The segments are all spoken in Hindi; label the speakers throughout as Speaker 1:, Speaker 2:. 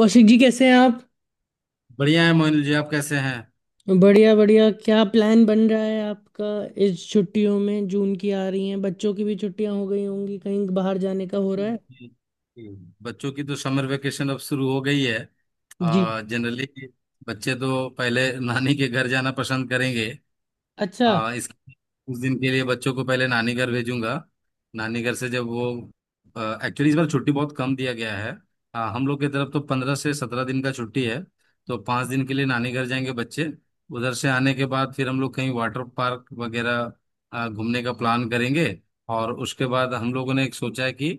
Speaker 1: कौशिक जी कैसे हैं आप।
Speaker 2: बढ़िया है मोहिल जी, आप कैसे हैं?
Speaker 1: बढ़िया बढ़िया, क्या प्लान बन रहा है आपका इस छुट्टियों में। जून की आ रही हैं, बच्चों की भी छुट्टियां हो गई होंगी, कहीं बाहर जाने का हो रहा है।
Speaker 2: हम्म, बच्चों की तो समर वेकेशन अब शुरू हो गई है।
Speaker 1: जी।
Speaker 2: आ जनरली बच्चे तो पहले नानी के घर जाना पसंद करेंगे।
Speaker 1: अच्छा
Speaker 2: हाँ, इस उस दिन के लिए बच्चों को पहले नानी घर भेजूंगा। नानी घर से जब वो। एक्चुअली इस बार छुट्टी बहुत कम दिया गया है। हाँ, हम लोग की तरफ तो 15 से 17 दिन का छुट्टी है। तो 5 दिन के लिए नानी घर जाएंगे बच्चे। उधर से आने के बाद फिर हम लोग कहीं वाटर पार्क वगैरह घूमने का प्लान करेंगे। और उसके बाद हम लोगों ने एक सोचा है कि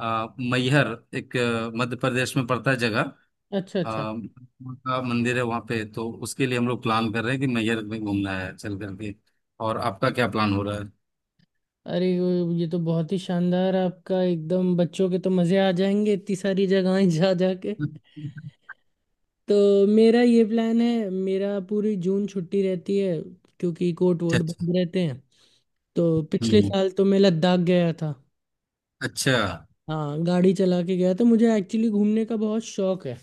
Speaker 2: मैहर एक मध्य प्रदेश में पड़ता है जगह। आ,
Speaker 1: अच्छा अच्छा।
Speaker 2: का मंदिर है वहाँ पे, तो उसके लिए हम लोग प्लान कर रहे हैं कि मैहर में घूमना है चल करके। और आपका क्या प्लान हो रहा है?
Speaker 1: ये तो बहुत ही शानदार है आपका, एकदम बच्चों के तो मज़े आ जाएंगे इतनी सारी जगहें जा जा के। तो मेरा ये प्लान है, मेरा पूरी जून छुट्टी रहती है, क्योंकि कोर्ट
Speaker 2: अच्छा
Speaker 1: वोट
Speaker 2: अच्छा।
Speaker 1: बंद रहते हैं। तो पिछले
Speaker 2: हम्म।
Speaker 1: साल तो मैं लद्दाख गया था।
Speaker 2: अच्छा
Speaker 1: हाँ, गाड़ी चला के गया था, मुझे एक्चुअली घूमने का बहुत शौक है।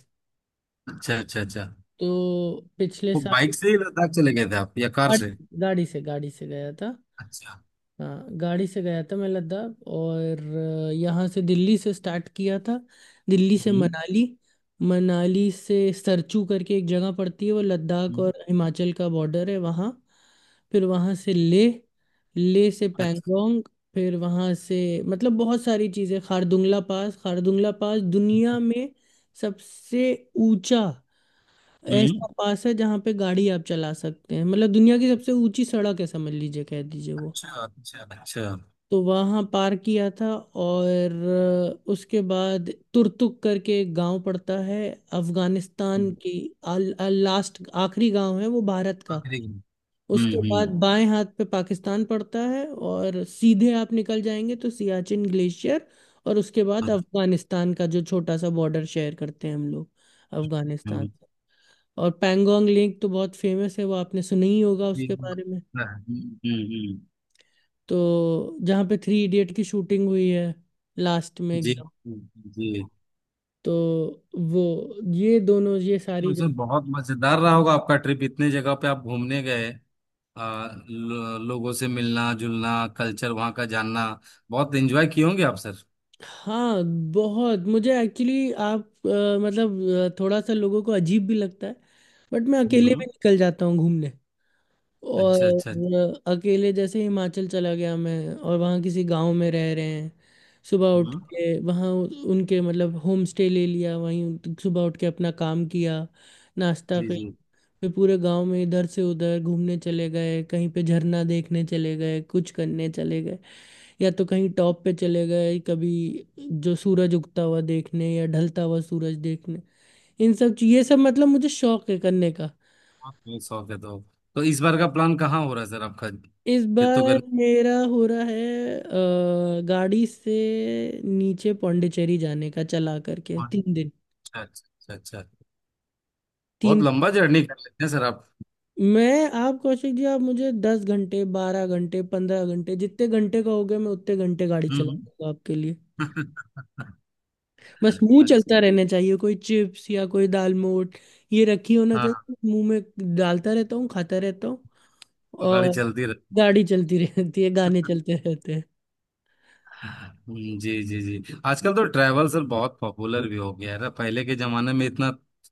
Speaker 2: अच्छा अच्छा। अच्छा।
Speaker 1: तो पिछले
Speaker 2: वो
Speaker 1: साल
Speaker 2: बाइक से ही लद्दाख चले गए थे आप या कार
Speaker 1: गाड़ी,
Speaker 2: से?
Speaker 1: गाड़ी से गया था।
Speaker 2: अच्छा।
Speaker 1: हाँ, गाड़ी से गया था मैं लद्दाख। और यहाँ से, दिल्ली से स्टार्ट किया था। दिल्ली से
Speaker 2: हम्म
Speaker 1: मनाली, मनाली से सरचू करके एक जगह पड़ती है, वो लद्दाख
Speaker 2: हम्म।
Speaker 1: और हिमाचल का बॉर्डर है वहाँ। फिर वहाँ से ले, ले से
Speaker 2: अच्छा।
Speaker 1: पैंगोंग। फिर वहाँ से मतलब बहुत सारी चीज़ें, खारदुंगला पास दुनिया में सबसे ऊंचा
Speaker 2: हम्म।
Speaker 1: ऐसा पास है जहाँ पे गाड़ी आप चला सकते हैं, मतलब दुनिया की सबसे ऊंची सड़क है समझ लीजिए, कह दीजिए वो।
Speaker 2: अच्छा अच्छा अच्छा।
Speaker 1: तो वहाँ पार किया था। और उसके बाद तुर्तुक करके एक गांव पड़ता है, अफगानिस्तान
Speaker 2: हम्म।
Speaker 1: की आल, आल, लास्ट आखिरी गांव है वो भारत का।
Speaker 2: आखिरी।
Speaker 1: उसके
Speaker 2: हम्म
Speaker 1: बाद
Speaker 2: हम्म
Speaker 1: बाएं हाथ पे पाकिस्तान पड़ता है, और सीधे आप निकल जाएंगे तो सियाचिन ग्लेशियर। और उसके बाद अफगानिस्तान का जो छोटा सा बॉर्डर शेयर करते हैं हम लोग, अफगानिस्तान
Speaker 2: हम्म।
Speaker 1: से। और पैंगोंग लेक तो बहुत फेमस है, वो आपने सुना ही होगा उसके
Speaker 2: हम्म।
Speaker 1: बारे में।
Speaker 2: हम्म। हम्म।
Speaker 1: तो जहाँ पे थ्री इडियट की शूटिंग हुई है, लास्ट में
Speaker 2: जी।
Speaker 1: एकदम।
Speaker 2: जी।
Speaker 1: तो वो ये दोनों
Speaker 2: तो सर बहुत मजेदार रहा होगा आपका ट्रिप, इतने जगह पे आप घूमने गए। लोगों से मिलना जुलना, कल्चर वहाँ का जानना, बहुत एंजॉय किए होंगे आप सर।
Speaker 1: हाँ, बहुत। मुझे एक्चुअली आप मतलब थोड़ा सा लोगों को अजीब भी लगता है, बट मैं अकेले
Speaker 2: हम्म।
Speaker 1: भी निकल जाता हूँ घूमने। और
Speaker 2: अच्छा अच्छा।
Speaker 1: अकेले जैसे हिमाचल चला गया मैं, और वहाँ किसी गांव में रह रहे हैं। सुबह उठ
Speaker 2: हम्म।
Speaker 1: के वहाँ उनके मतलब होम स्टे ले लिया वहीं। सुबह उठ के अपना काम किया, नाश्ता
Speaker 2: जी जी।
Speaker 1: किया, फिर पूरे गांव में इधर से उधर घूमने चले गए, कहीं पे झरना देखने चले गए, कुछ करने चले गए, या तो कहीं टॉप पे चले गए कभी, जो सूरज उगता हुआ देखने या ढलता हुआ सूरज देखने। ये सब मतलब मुझे शौक है करने का।
Speaker 2: बहुत बहुत शौक है तो। तो इस बार का प्लान कहाँ हो रहा है सर आपका?
Speaker 1: इस
Speaker 2: फिर तो
Speaker 1: बार
Speaker 2: गर्मी।
Speaker 1: मेरा हो रहा है गाड़ी से नीचे पौंडीचेरी जाने का, चला करके तीन
Speaker 2: अच्छा
Speaker 1: दिन।
Speaker 2: अच्छा अच्छा अच्छा।
Speaker 1: तीन।
Speaker 2: बहुत लंबा जर्नी कर लेते हैं सर आप।
Speaker 1: मैं आप कौशिक जी, आप मुझे दस घंटे, बारह घंटे, पंद्रह घंटे, जितने घंटे कहोगे मैं उतने घंटे गाड़ी
Speaker 2: हम्म।
Speaker 1: चलाऊंगा आपके लिए। बस मुंह
Speaker 2: अच्छा।
Speaker 1: चलता रहना चाहिए, कोई चिप्स या कोई दालमोट ये रखी होना
Speaker 2: हाँ।
Speaker 1: चाहिए मुंह में, डालता रहता हूँ खाता रहता हूँ।
Speaker 2: गाड़ी
Speaker 1: और
Speaker 2: चलती रहे।
Speaker 1: गाड़ी चलती रहती है, गाने चलते रहते हैं।
Speaker 2: जी जी जी, आजकल तो ट्रैवल सर बहुत पॉपुलर भी हो गया है ना? पहले के जमाने में इतना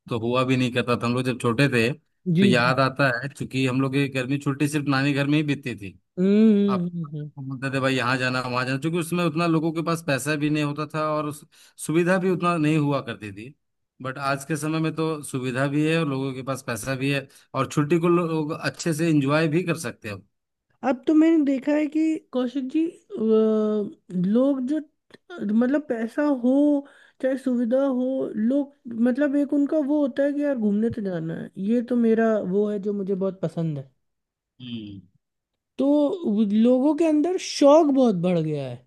Speaker 2: तो हुआ भी नहीं करता था। हम लोग जब छोटे थे तो
Speaker 1: जी जी।
Speaker 2: याद आता है, चूंकि हम लोग की गर्मी छुट्टी सिर्फ नानी घर में ही बीतती थी।
Speaker 1: हम्म हम्म,
Speaker 2: अब
Speaker 1: हम्म, हम्म।
Speaker 2: बोलते थे भाई यहाँ जाना वहां जाना, क्योंकि उसमें उतना लोगों के पास पैसा भी नहीं होता था, और सुविधा भी उतना नहीं हुआ करती थी। बट आज के समय में तो सुविधा भी है और लोगों के पास पैसा भी है, और छुट्टी को लोग अच्छे से एंजॉय भी कर सकते हैं।
Speaker 1: अब तो मैंने देखा है कि कौशिक जी, लोग जो मतलब पैसा हो चाहे सुविधा हो, लोग मतलब एक उनका वो होता है कि यार घूमने तो जाना है। ये तो मेरा वो है जो मुझे बहुत पसंद है।
Speaker 2: हम्म।
Speaker 1: तो वो लोगों के अंदर शौक बहुत बढ़ गया है।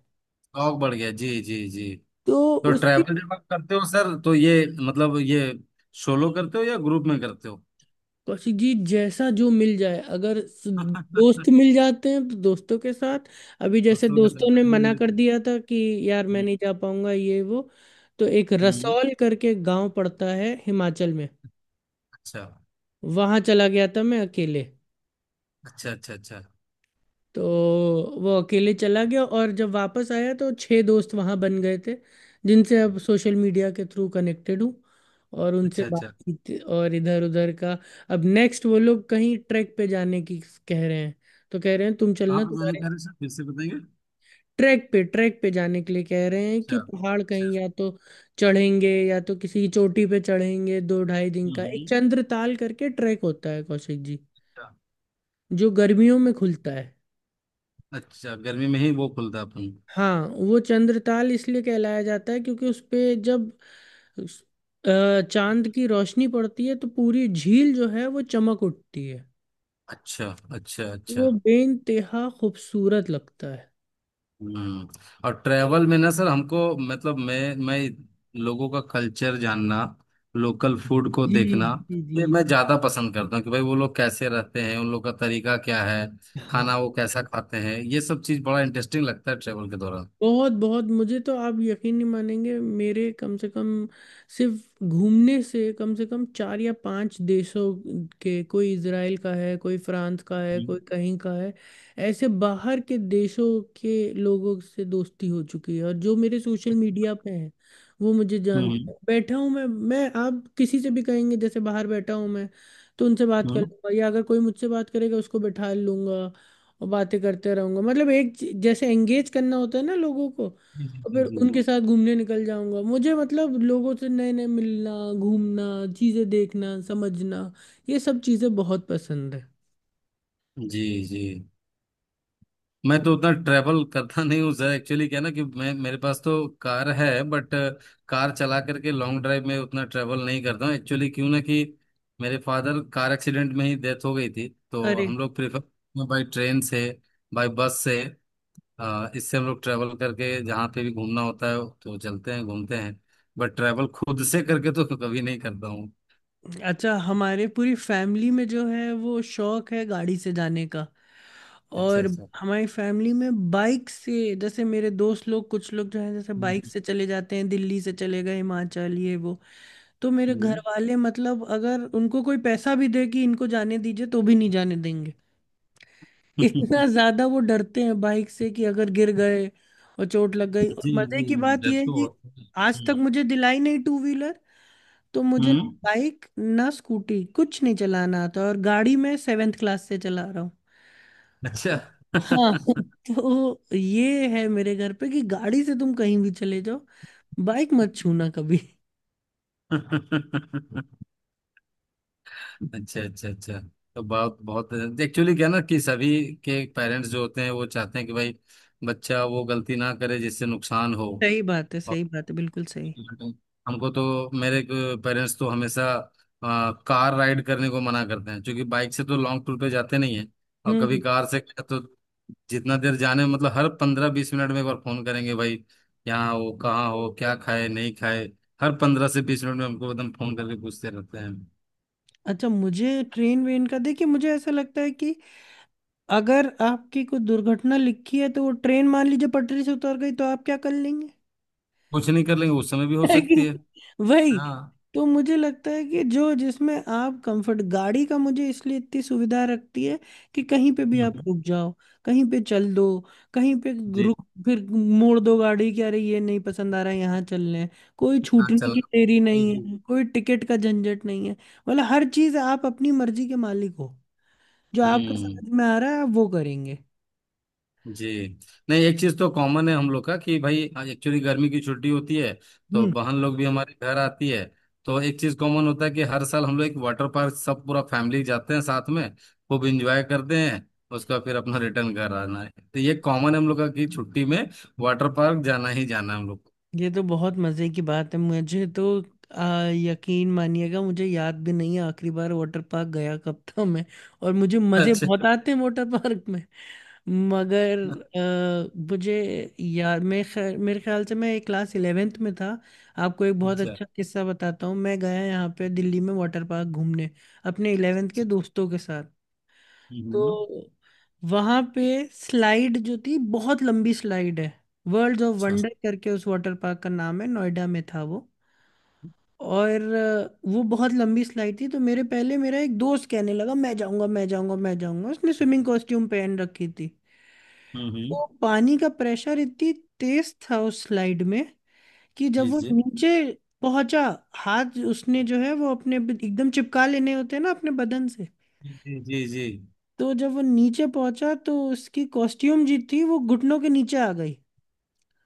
Speaker 2: शौक बढ़ गया, जी जी जी।
Speaker 1: तो
Speaker 2: तो
Speaker 1: उसकी,
Speaker 2: ट्रैवल जब आप करते हो सर, तो ये सोलो करते हो या ग्रुप में करते हो?
Speaker 1: कौशिक जी जैसा जो मिल जाए, अगर दोस्त मिल जाते हैं तो दोस्तों के साथ। अभी जैसे
Speaker 2: दोस्तों के साथ।
Speaker 1: दोस्तों ने
Speaker 2: हाँ,
Speaker 1: मना
Speaker 2: मुझे
Speaker 1: कर
Speaker 2: तो-
Speaker 1: दिया था कि यार मैं
Speaker 2: हम्म,
Speaker 1: नहीं जा पाऊंगा ये वो। तो एक
Speaker 2: हम्म।
Speaker 1: रसौल करके गांव पड़ता है हिमाचल में,
Speaker 2: अच्छा
Speaker 1: वहां चला गया था मैं अकेले।
Speaker 2: अच्छा अच्छा। अच्छा
Speaker 1: तो वो अकेले चला गया, और जब वापस आया तो छह दोस्त वहां बन गए थे, जिनसे अब सोशल मीडिया के थ्रू कनेक्टेड हूँ, और उनसे
Speaker 2: अच्छा अच्छा।
Speaker 1: बातचीत और इधर उधर का। अब नेक्स्ट वो लोग कहीं ट्रैक पे जाने की कह रहे हैं। तो कह रहे हैं तुम चलना,
Speaker 2: आप जाने
Speaker 1: तुम्हारे
Speaker 2: कह रहे सर, फिर से बताएंगे?
Speaker 1: ट्रैक पे जाने के लिए कह रहे हैं कि
Speaker 2: अच्छा
Speaker 1: पहाड़
Speaker 2: अच्छा।
Speaker 1: कहीं या तो चढ़ेंगे, या तो किसी चोटी पे चढ़ेंगे। दो ढाई दिन का एक
Speaker 2: हम्म।
Speaker 1: चंद्रताल करके ट्रैक होता है, कौशिक जी,
Speaker 2: अच्छा।
Speaker 1: जो गर्मियों में खुलता है।
Speaker 2: अच्छा, गर्मी में ही वो खुलता अपन?
Speaker 1: हाँ, वो चंद्रताल इसलिए कहलाया जाता है क्योंकि उस पे जब उस- चांद की रोशनी पड़ती है तो पूरी झील जो है वो चमक उठती है।
Speaker 2: अच्छा अच्छा अच्छा।
Speaker 1: वो बेइंतहा खूबसूरत लगता है।
Speaker 2: हम्म। और ट्रैवल में ना सर, हमको मतलब मैं लोगों का कल्चर जानना, लोकल फूड को
Speaker 1: जी
Speaker 2: देखना,
Speaker 1: जी जी।
Speaker 2: ये मैं ज्यादा पसंद करता हूँ कि भाई वो लोग कैसे रहते हैं, उन लोग का तरीका क्या है,
Speaker 1: हाँ,
Speaker 2: खाना वो कैसा खाते हैं, ये सब चीज बड़ा इंटरेस्टिंग लगता है ट्रैवल के दौरान।
Speaker 1: बहुत बहुत। मुझे तो, आप यकीन नहीं मानेंगे, मेरे कम से कम सिर्फ घूमने से कम चार या पांच देशों के, कोई इजराइल का है, कोई फ्रांस का है,
Speaker 2: हम्म
Speaker 1: कोई कहीं का है, ऐसे बाहर के देशों के लोगों से दोस्ती हो चुकी है। और जो मेरे सोशल मीडिया पे हैं वो मुझे
Speaker 2: हम्म
Speaker 1: जानते हैं। बैठा हूँ मैं, आप किसी से भी कहेंगे जैसे बाहर बैठा हूँ मैं, तो उनसे बात कर
Speaker 2: हम्म।
Speaker 1: लूंगा, या अगर कोई मुझसे बात करेगा उसको बैठा लूंगा, और बातें करते रहूंगा। मतलब जैसे एंगेज करना होता है ना लोगों को।
Speaker 2: जी जी
Speaker 1: और
Speaker 2: जी
Speaker 1: फिर
Speaker 2: जी।
Speaker 1: उनके साथ घूमने निकल जाऊंगा। मुझे मतलब लोगों से नए नए मिलना, घूमना, चीज़ें देखना समझना, ये सब चीज़ें बहुत पसंद है।
Speaker 2: जी जी। मैं तो उतना ट्रैवल करता नहीं हूँ सर, एक्चुअली क्या है ना कि मैं मेरे पास तो कार है, बट कार चला करके लॉन्ग ड्राइव में उतना ट्रैवल नहीं करता हूँ, एक्चुअली क्यों ना कि मेरे फादर कार एक्सीडेंट में ही डेथ हो गई थी, तो
Speaker 1: अरे।
Speaker 2: हम लोग प्रेफर बाई ट्रेन से, बाई बस से, इससे हम लोग ट्रैवल करके जहाँ पे भी घूमना होता है तो चलते हैं घूमते हैं। बट ट्रैवल खुद से करके तो कभी नहीं करता हूँ।
Speaker 1: अच्छा, हमारे पूरी फैमिली में जो है वो शौक है गाड़ी से जाने का।
Speaker 2: अच्छा
Speaker 1: और
Speaker 2: अच्छा।
Speaker 1: हमारी फैमिली में बाइक से जैसे मेरे दोस्त लोग, कुछ लोग जो हैं, जैसे बाइक
Speaker 2: हम्म,
Speaker 1: से चले जाते हैं, दिल्ली से चले गए हिमाचल ये वो। तो मेरे घर
Speaker 2: हम्म।
Speaker 1: वाले मतलब अगर उनको कोई पैसा भी दे कि इनको जाने दीजिए तो भी नहीं जाने देंगे। इतना ज्यादा वो डरते हैं बाइक से कि अगर गिर गए और चोट लग गई। और
Speaker 2: जी
Speaker 1: मजे
Speaker 2: जी
Speaker 1: की
Speaker 2: जी,
Speaker 1: बात
Speaker 2: डर
Speaker 1: यह है
Speaker 2: तो
Speaker 1: कि
Speaker 2: होता है।
Speaker 1: आज तक
Speaker 2: हम्म।
Speaker 1: मुझे दिलाई नहीं टू व्हीलर। तो मुझे ना
Speaker 2: हम्म।
Speaker 1: बाइक ना स्कूटी कुछ नहीं चलाना आता। और गाड़ी मैं सेवेंथ क्लास से चला रहा हूँ।
Speaker 2: अच्छा।
Speaker 1: हाँ। तो ये है मेरे घर पे कि गाड़ी से तुम कहीं भी चले जाओ, बाइक मत छूना कभी।
Speaker 2: अच्छा अच्छा अच्छा। तो बहुत बहुत एक्चुअली क्या ना कि सभी के पेरेंट्स जो होते हैं वो चाहते हैं कि भाई बच्चा वो गलती ना करे जिससे नुकसान हो।
Speaker 1: सही बात है, सही बात है, बिल्कुल सही।
Speaker 2: हमको तो मेरे पेरेंट्स तो हमेशा कार राइड करने को मना करते हैं, क्योंकि बाइक से तो लॉन्ग टूर पे जाते नहीं है, और कभी
Speaker 1: हम्म।
Speaker 2: कार से गए तो जितना देर जाने मतलब हर 15 20 मिनट में एक बार फोन करेंगे, भाई यहाँ हो कहाँ हो क्या खाए नहीं खाए। हर 15 से 20 मिनट में हमको एकदम फोन करके पूछते रहते हैं।
Speaker 1: अच्छा, मुझे ट्रेन वेन का देखिए, मुझे ऐसा लगता है कि अगर आपकी कोई दुर्घटना लिखी है तो वो ट्रेन मान लीजिए पटरी से उतर गई तो आप क्या कर लेंगे।
Speaker 2: कुछ नहीं कर लेंगे, उस समय भी हो
Speaker 1: है कि
Speaker 2: सकती है।
Speaker 1: नहीं? वही।
Speaker 2: हाँ।
Speaker 1: तो मुझे लगता है कि जो जिसमें आप कंफर्ट, गाड़ी का मुझे इसलिए इतनी सुविधा रखती है कि कहीं पे भी आप
Speaker 2: हम्म।
Speaker 1: रुक जाओ, कहीं पे चल दो, कहीं पे
Speaker 2: जी।
Speaker 1: रुक, फिर मोड़ दो गाड़ी कि अरे ये नहीं पसंद आ रहा है, यहाँ चल लें। कोई
Speaker 2: हाँ
Speaker 1: छूटने
Speaker 2: चल।
Speaker 1: की देरी नहीं है, कोई टिकट का झंझट नहीं है। मतलब हर चीज आप अपनी मर्जी के मालिक हो, जो आपको
Speaker 2: हम्म।
Speaker 1: समझ में आ रहा है आप वो करेंगे।
Speaker 2: जी। नहीं, एक चीज तो कॉमन है हम लोग का कि भाई, एक्चुअली गर्मी की छुट्टी होती है, तो
Speaker 1: हम्म।
Speaker 2: बहन लोग भी हमारे घर आती है, तो एक चीज कॉमन होता है कि हर साल हम लोग एक वाटर पार्क सब पूरा फैमिली जाते हैं साथ में, खूब इंजॉय करते हैं, उसका फिर अपना रिटर्न घर आना है, तो ये कॉमन है हम लोग का कि छुट्टी में वाटर पार्क जाना ही जाना है हम लोग को।
Speaker 1: ये तो बहुत मजे की बात है। मुझे तो यकीन मानिएगा, मुझे याद भी नहीं है आखिरी बार वाटर पार्क गया कब था मैं। और मुझे मजे
Speaker 2: अच्छा
Speaker 1: बहुत आते हैं वाटर पार्क में। मगर मुझे याद, मैं खैर मेरे ख्याल से मैं क्लास इलेवेंथ में था। आपको एक बहुत
Speaker 2: अच्छा।
Speaker 1: अच्छा किस्सा बताता हूँ। मैं गया यहाँ पे दिल्ली में वाटर पार्क घूमने, अपने इलेवेंथ के दोस्तों के साथ।
Speaker 2: हम्म।
Speaker 1: तो वहां पे स्लाइड जो थी, बहुत लंबी स्लाइड है, वर्ल्ड ऑफ
Speaker 2: अच्छा।
Speaker 1: वंडर करके उस वाटर पार्क का नाम है, नोएडा में था वो। और वो बहुत लंबी स्लाइड थी। तो मेरे पहले मेरा एक दोस्त कहने लगा मैं जाऊंगा मैं जाऊंगा मैं जाऊंगा, उसने स्विमिंग कॉस्ट्यूम पहन रखी थी। तो
Speaker 2: हम्म।
Speaker 1: पानी का प्रेशर इतनी तेज था उस स्लाइड में कि जब
Speaker 2: जी
Speaker 1: वो
Speaker 2: जी
Speaker 1: नीचे पहुंचा, हाथ उसने जो है वो अपने एकदम चिपका लेने होते हैं ना अपने बदन से,
Speaker 2: जी जी जी।
Speaker 1: तो जब वो नीचे पहुंचा तो उसकी कॉस्ट्यूम जी थी वो घुटनों के नीचे आ गई।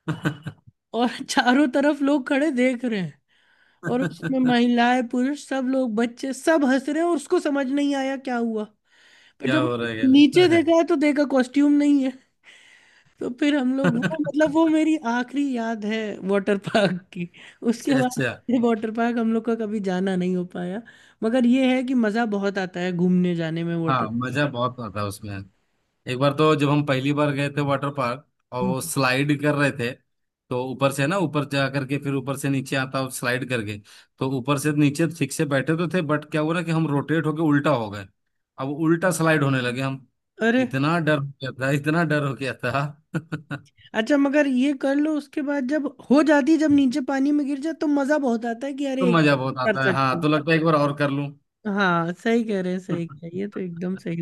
Speaker 1: और चारों तरफ लोग खड़े देख रहे हैं, और उसमें महिलाएं पुरुष सब लोग बच्चे सब हंस रहे हैं, और उसको समझ नहीं आया क्या हुआ। पर
Speaker 2: क्या
Speaker 1: जब
Speaker 2: हो रहा है क्या हो
Speaker 1: नीचे
Speaker 2: रहा
Speaker 1: देखा है तो देखा कॉस्ट्यूम नहीं है। तो फिर हम
Speaker 2: है।
Speaker 1: लोग वो मतलब वो मेरी आखिरी याद है वाटर पार्क की। उसके
Speaker 2: अच्छा
Speaker 1: बाद
Speaker 2: अच्छा।
Speaker 1: वाटर पार्क हम लोग का कभी जाना नहीं हो पाया। मगर ये है कि मज़ा बहुत आता है घूमने जाने में वाटर।
Speaker 2: हाँ, मजा बहुत आता है उसमें। एक बार तो जब हम पहली बार गए थे वाटर पार्क और वो स्लाइड कर रहे थे, तो ऊपर से ना ऊपर जा करके फिर ऊपर से नीचे आता और स्लाइड करके, तो ऊपर से नीचे ठीक से बैठे तो थे, बट क्या हुआ ना कि हम रोटेट होके उल्टा हो गए, अब उल्टा स्लाइड होने लगे हम।
Speaker 1: अरे।
Speaker 2: इतना डर हो गया था, इतना डर हो गया था।
Speaker 1: अच्छा, मगर ये कर लो उसके बाद जब हो जाती, जब नीचे पानी में गिर जाए तो मजा बहुत आता है कि
Speaker 2: तो
Speaker 1: अरे एक
Speaker 2: मजा
Speaker 1: और
Speaker 2: बहुत
Speaker 1: कर
Speaker 2: आता है,
Speaker 1: सकते
Speaker 2: हाँ,
Speaker 1: हैं।
Speaker 2: तो लगता है एक बार और कर लूं।
Speaker 1: हाँ सही कह रहे हैं, सही कह रहे हैं। ये तो एकदम सही।